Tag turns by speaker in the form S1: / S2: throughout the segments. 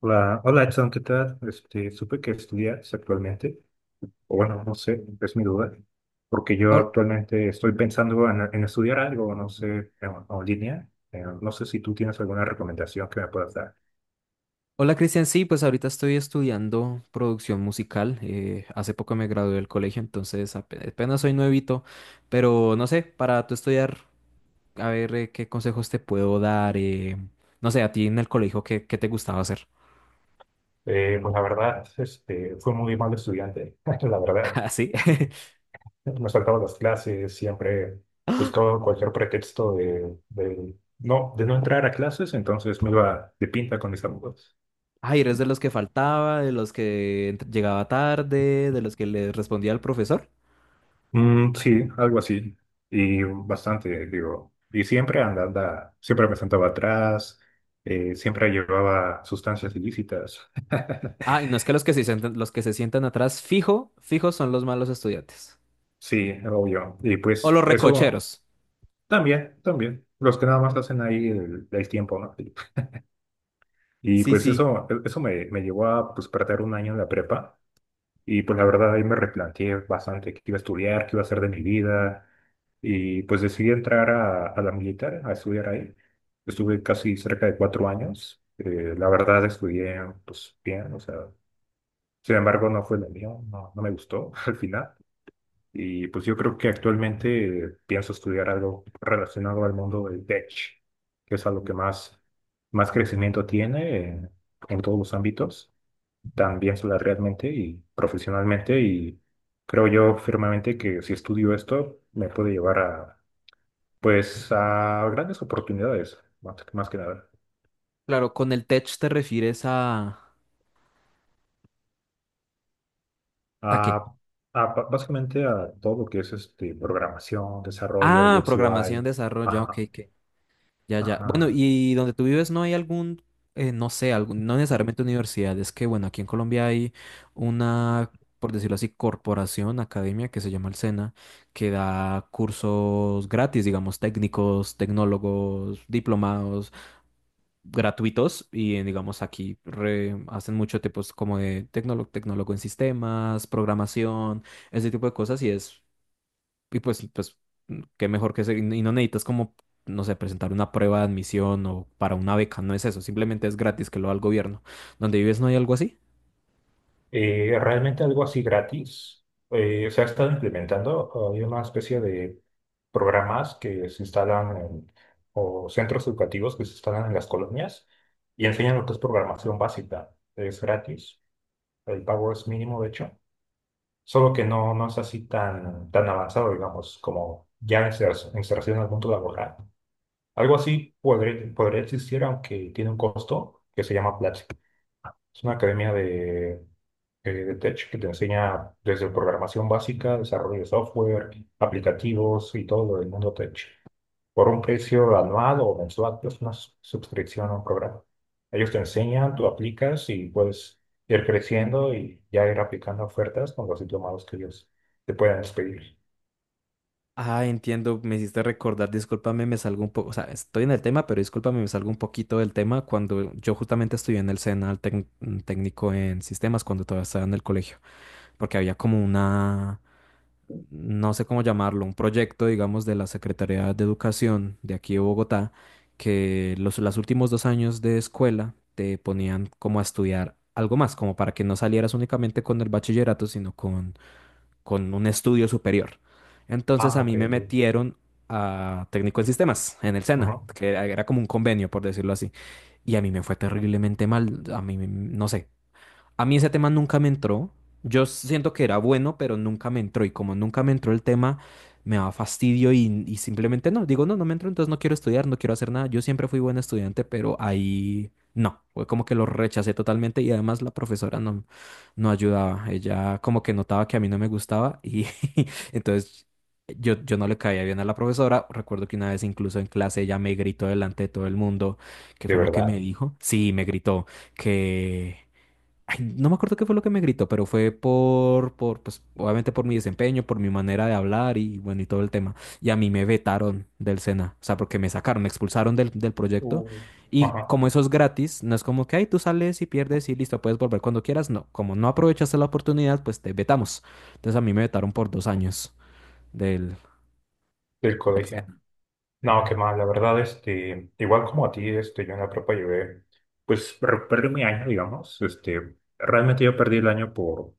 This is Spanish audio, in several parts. S1: Hola, hola Edson, ¿qué tal? Supe que estudias actualmente, o bueno, no sé, es mi duda, porque yo
S2: Hol-
S1: actualmente estoy pensando en estudiar algo, no sé, en línea. No sé si tú tienes alguna recomendación que me puedas dar.
S2: Hola Cristian, sí, pues ahorita estoy estudiando producción musical. Hace poco me gradué del colegio, entonces apenas soy nuevito, pero no sé, para tú estudiar, a ver, qué consejos te puedo dar. No sé, a ti en el colegio, ¿qué te gustaba hacer?
S1: Pues la verdad, fui muy mal estudiante, la verdad.
S2: Ah, sí.
S1: Me saltaba las clases, siempre buscaba cualquier pretexto no, de no entrar a clases, entonces me iba de pinta con mis amigos.
S2: Ay, ¿eres de los que faltaba, de los que llegaba tarde, de los que le respondía al profesor?
S1: Mm, sí, algo así. Y bastante, digo. Y siempre anda, siempre me sentaba atrás, siempre llevaba sustancias ilícitas.
S2: Ah, y no es que los que se sientan, los que se sientan atrás, fijo, fijo son los malos estudiantes.
S1: Sí, obvio. Y
S2: O
S1: pues
S2: los
S1: eso
S2: recocheros.
S1: también, también. Los que nada más hacen ahí el tiempo, ¿no? Y
S2: Sí,
S1: pues
S2: sí.
S1: eso me llevó a pues, perder un año en la prepa. Y pues la verdad ahí me replanteé bastante qué iba a estudiar, qué iba a hacer de mi vida. Y pues decidí entrar a la militar, a estudiar ahí. Estuve casi cerca de cuatro años. La verdad estudié pues bien, o sea, sin embargo no fue lo mío, no, no me gustó al final. Y pues yo creo que actualmente pienso estudiar algo relacionado al mundo del tech, que es algo que más, más crecimiento tiene en todos los ámbitos, también salarialmente y profesionalmente, y creo yo firmemente que si estudio esto me puede llevar a pues a grandes oportunidades, más, más que nada.
S2: Claro, con el tech te refieres a...
S1: A,
S2: ¿A qué?
S1: básicamente a todo lo que es este programación, desarrollo,
S2: Ah,
S1: UX
S2: programación,
S1: UI.
S2: desarrollo, ok,
S1: Ajá,
S2: ok. Ya, ya. Bueno,
S1: ajá.
S2: ¿y donde tú vives no hay algún, no sé, algún, no necesariamente universidad? Es que, bueno, aquí en Colombia hay una, por decirlo así, corporación, academia que se llama el SENA, que da cursos gratis, digamos, técnicos, tecnólogos, diplomados, gratuitos. Y, digamos, aquí hacen mucho tipos como de tecnólogo, tecnólogo en sistemas, programación, ese tipo de cosas. Y es Y pues, qué mejor que y no necesitas como, no sé, presentar una prueba de admisión o para una beca, no es eso, simplemente es gratis, que lo da el gobierno. ¿Donde vives no hay algo así?
S1: Realmente algo así gratis. Se ha estado implementando, hay una especie de programas que se instalan en- o centros educativos que se instalan en las colonias y enseñan lo que es programación básica. Es gratis, el pago es mínimo, de hecho, solo que no, no es así tan, tan avanzado, digamos, como ya inserción al mundo laboral. Algo así podría, podría existir, aunque tiene un costo que se llama, es una academia de tech que te enseña desde programación básica, desarrollo de software, aplicativos y todo lo del mundo tech. Por un precio anual o mensual, es una suscripción a un programa. Ellos te enseñan, tú aplicas y puedes ir creciendo y ya ir aplicando ofertas con los diplomados que ellos te puedan despedir.
S2: Ah, entiendo, me hiciste recordar, discúlpame, me salgo un poco, o sea, estoy en el tema, pero discúlpame, me salgo un poquito del tema. Cuando yo justamente estudié en el SENA, el técnico en sistemas, cuando todavía estaba en el colegio, porque había como una, no sé cómo llamarlo, un proyecto, digamos, de la Secretaría de Educación de aquí de Bogotá, que los últimos 2 años de escuela te ponían como a estudiar algo más, como para que no salieras únicamente con el bachillerato, sino con un estudio superior. Entonces
S1: Ah,
S2: a
S1: ok,
S2: mí me
S1: ok.
S2: metieron a técnico en sistemas, en el SENA,
S1: Ajá.
S2: que era como un convenio, por decirlo así. Y a mí me fue terriblemente mal, a mí, no sé, a mí ese tema nunca me entró. Yo siento que era bueno, pero nunca me entró. Y como nunca me entró el tema, me daba fastidio y simplemente no. Digo, no me entró, entonces no quiero estudiar, no quiero hacer nada. Yo siempre fui buen estudiante, pero ahí no. Fue como que lo rechacé totalmente, y además la profesora no ayudaba. Ella como que notaba que a mí no me gustaba y entonces... Yo no le caía bien a la profesora. Recuerdo que una vez incluso en clase ella me gritó delante de todo el mundo. ¿Qué
S1: De
S2: fue lo que me
S1: verdad.
S2: dijo? Sí, me gritó que, ay, no me acuerdo qué fue lo que me gritó, pero fue pues, obviamente por mi desempeño, por mi manera de hablar y bueno, y todo el tema. Y a mí me vetaron del SENA, o sea, porque me sacaron, me expulsaron del proyecto.
S1: Uh,
S2: Y
S1: Ajá.
S2: como eso es gratis, no es como que, ay, tú sales y pierdes y listo, puedes volver cuando quieras. No, como no aprovechaste la oportunidad, pues te vetamos. Entonces a mí me vetaron por 2 años del,
S1: Del
S2: del
S1: colegio.
S2: SENA.
S1: No, qué mal, la verdad, igual como a ti, yo en la prepa llevé, pues perdí mi año, digamos, realmente yo perdí el año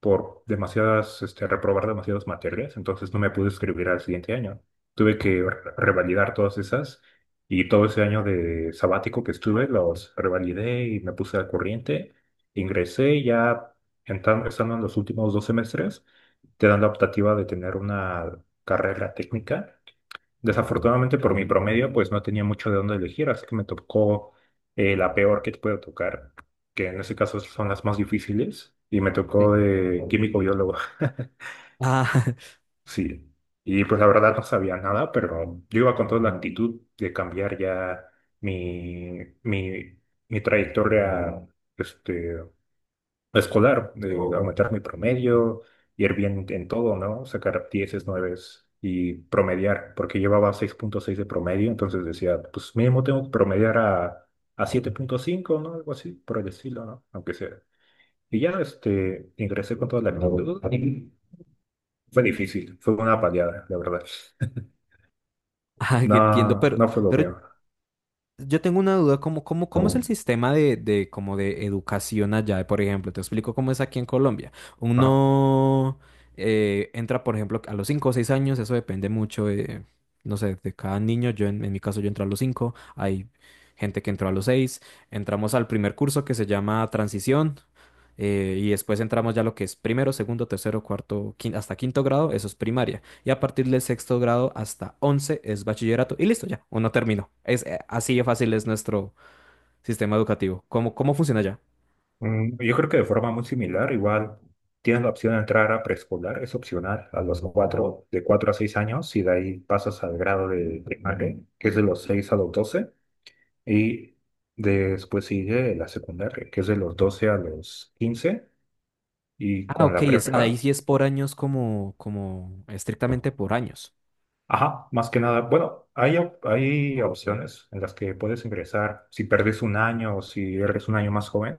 S1: por demasiadas, reprobar demasiadas materias, entonces no me pude escribir al siguiente año. Tuve que revalidar todas esas y todo ese año de sabático que estuve, los revalidé y me puse al corriente, ingresé y ya estando en los últimos dos semestres, te dan la optativa de tener una carrera técnica. Desafortunadamente por mi promedio, pues no tenía mucho de dónde elegir, así que me tocó la peor que te puede tocar, que en ese caso son las más difíciles, y me
S2: Sí.
S1: tocó de químico biólogo.
S2: Ah,
S1: Sí. Y pues la verdad no sabía nada, pero yo iba con toda la actitud de cambiar ya mi, mi, mi trayectoria, este, escolar, de aumentar mi promedio, ir bien en todo, ¿no? Sacar dieces nueves y promediar, porque llevaba seis punto seis de promedio, entonces decía, pues mínimo tengo que promediar a siete punto cinco, ¿no? Algo así, por el estilo, ¿no? Aunque sea. Y ya ingresé con toda la actitud y fue difícil, fue una paliada, la verdad.
S2: ah, entiendo,
S1: No,
S2: pero,
S1: no fue lo
S2: pero
S1: peor.
S2: Yo tengo una duda. ¿Cómo, cómo es el sistema de como de educación allá? Por ejemplo, te explico cómo es aquí en Colombia.
S1: Ajá.
S2: Uno, entra, por ejemplo, a los 5 o 6 años, eso depende mucho, no sé, de cada niño. Yo, en mi caso, yo entré a los 5. Hay gente que entró a los 6. Entramos al primer curso, que se llama Transición, y después entramos ya a lo que es primero, segundo, tercero, cuarto, hasta quinto grado, eso es primaria, y a partir del sexto grado hasta 11 es bachillerato, y listo, ya, uno terminó. Así de fácil es nuestro sistema educativo. cómo, funciona ya?
S1: Mm, yo creo que de forma muy similar, igual tienes la opción de entrar a preescolar, es opcional, a los cuatro, de cuatro a seis años, y de ahí pasas al grado de primaria, que es de los seis a los doce, y después sigue la secundaria, que es de los 12 a los quince, y
S2: Ah,
S1: con
S2: ok,
S1: la
S2: es, ahí
S1: prepa.
S2: sí es por años, como, como estrictamente por años.
S1: Ajá, más que nada, bueno, hay, hay opciones en las que puedes ingresar. Si perdes un año o si eres un año más joven,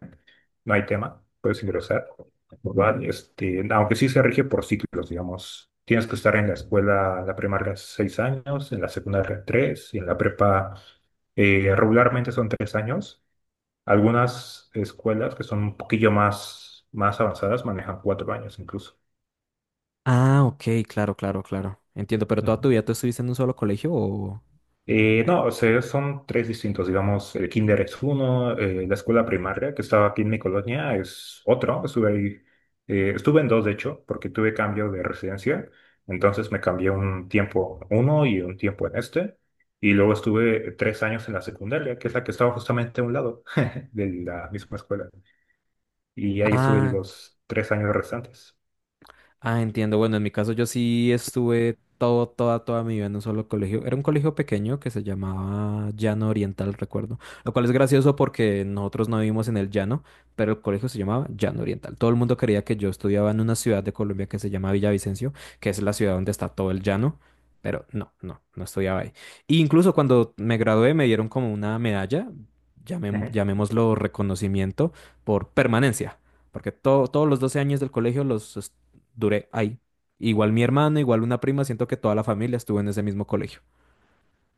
S1: no hay tema, puedes ingresar, ¿verdad? Aunque sí se rige por ciclos, digamos. Tienes que estar en la escuela, la primaria, seis años, en la secundaria, tres, y en la prepa, regularmente son tres años. Algunas escuelas que son un poquillo más, más avanzadas manejan cuatro años incluso.
S2: Ah, ok, claro, claro, claro. Entiendo, ¿pero toda tu vida tú estuviste en un solo colegio o...?
S1: No, o sea, son tres distintos, digamos, el kinder es uno, la escuela primaria que estaba aquí en mi colonia es otro, estuve ahí, estuve en dos de hecho, porque tuve cambio de residencia, entonces me cambié un tiempo a uno y un tiempo en este, y luego estuve tres años en la secundaria, que es la que estaba justamente a un lado de la misma escuela, y ahí estuve
S2: Ah,
S1: los tres años restantes.
S2: ah, entiendo. Bueno, en mi caso yo sí estuve toda mi vida en un solo colegio. Era un colegio pequeño que se llamaba Llano Oriental, recuerdo. Lo cual es gracioso porque nosotros no vivimos en el llano, pero el colegio se llamaba Llano Oriental. Todo el mundo quería que yo estudiaba en una ciudad de Colombia que se llama Villavicencio, que es la ciudad donde está todo el llano. Pero no, no, no estudiaba ahí. E incluso cuando me gradué me dieron como una medalla, llamémoslo reconocimiento, por permanencia, porque todos los 12 años del colegio los duré ahí. Igual mi hermano, igual una prima, siento que toda la familia estuvo en ese mismo colegio.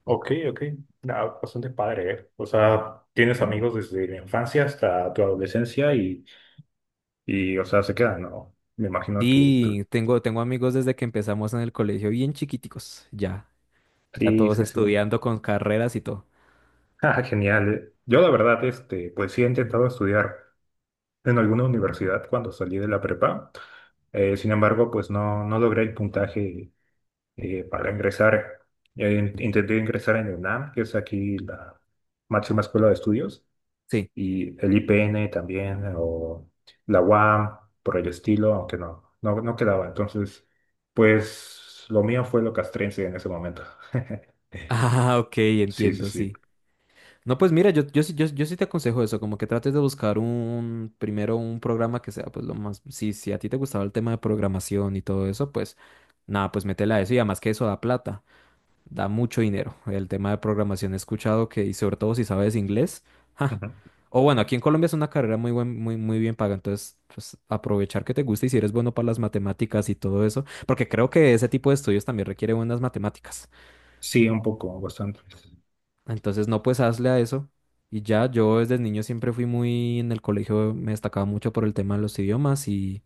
S1: Ok, ok. Ah, bastante padre, ¿eh? O sea, tienes amigos desde la infancia hasta tu adolescencia y o sea, se quedan, ¿no? Me imagino que tú.
S2: Sí, tengo amigos desde que empezamos en el colegio bien chiquiticos, ya, ya
S1: Sí,
S2: todos
S1: sí, sí.
S2: estudiando con carreras y todo.
S1: Ah, genial. Yo, la verdad, pues sí he intentado estudiar en alguna universidad cuando salí de la prepa. Sin embargo, pues no, no logré el puntaje para ingresar. Intenté ingresar en UNAM, que es aquí la máxima escuela de estudios,
S2: Sí.
S1: y el IPN también, o la UAM, por el estilo, aunque no, no, no quedaba. Entonces, pues lo mío fue lo castrense en ese momento.
S2: Ah, ok,
S1: Sí, sí,
S2: entiendo,
S1: sí.
S2: sí. No, pues mira, yo sí te aconsejo eso, como que trates de buscar un, primero un programa que sea, pues lo más, si a ti te gustaba el tema de programación y todo eso, pues nada, pues métela a eso, y además que eso da plata. Da mucho dinero el tema de programación. He escuchado que, y sobre todo si sabes inglés, ¡ja!
S1: Ujú.
S2: O bueno, aquí en Colombia es una carrera muy, muy bien paga. Entonces, pues aprovechar que te gusta, y si eres bueno para las matemáticas y todo eso, porque creo que ese tipo de estudios también requiere buenas matemáticas.
S1: Sí, un poco, bastante.
S2: Entonces, no, pues hazle a eso. Y ya, yo desde niño siempre fui muy, en el colegio, me destacaba mucho por el tema de los idiomas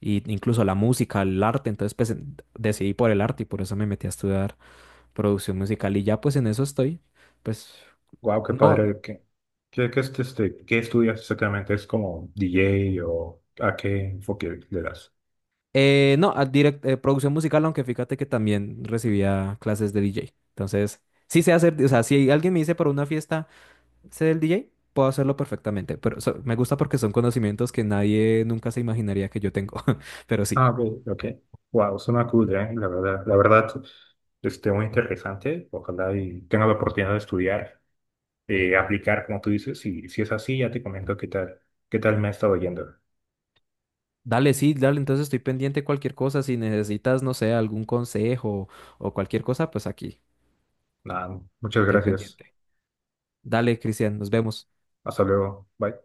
S2: y incluso la música, el arte. Entonces, pues decidí por el arte, y por eso me metí a estudiar producción musical. Y ya, pues en eso estoy. Pues
S1: Wow, qué
S2: no,
S1: padre. ¿Qué, qué, qué, qué estudias exactamente? ¿Es como DJ o a qué enfoque le das?
S2: no, producción musical, aunque fíjate que también recibía clases de DJ. Entonces, sí sé hacer, o sea, si alguien me dice para una fiesta, sé del DJ, puedo hacerlo perfectamente. Pero me gusta porque son conocimientos que nadie nunca se imaginaría que yo tengo. Pero sí.
S1: Ah, ok, ok. Wow, suena cool, ¿eh? La verdad, muy interesante. Ojalá y tenga la oportunidad de estudiar, aplicar, como tú dices. Y si es así, ya te comento qué tal me ha estado yendo.
S2: Dale, sí, dale, entonces estoy pendiente de cualquier cosa. Si necesitas, no sé, algún consejo o cualquier cosa, pues aquí
S1: Nada, muchas
S2: estoy
S1: gracias.
S2: pendiente. Dale, Cristian, nos vemos.
S1: Hasta luego. Bye.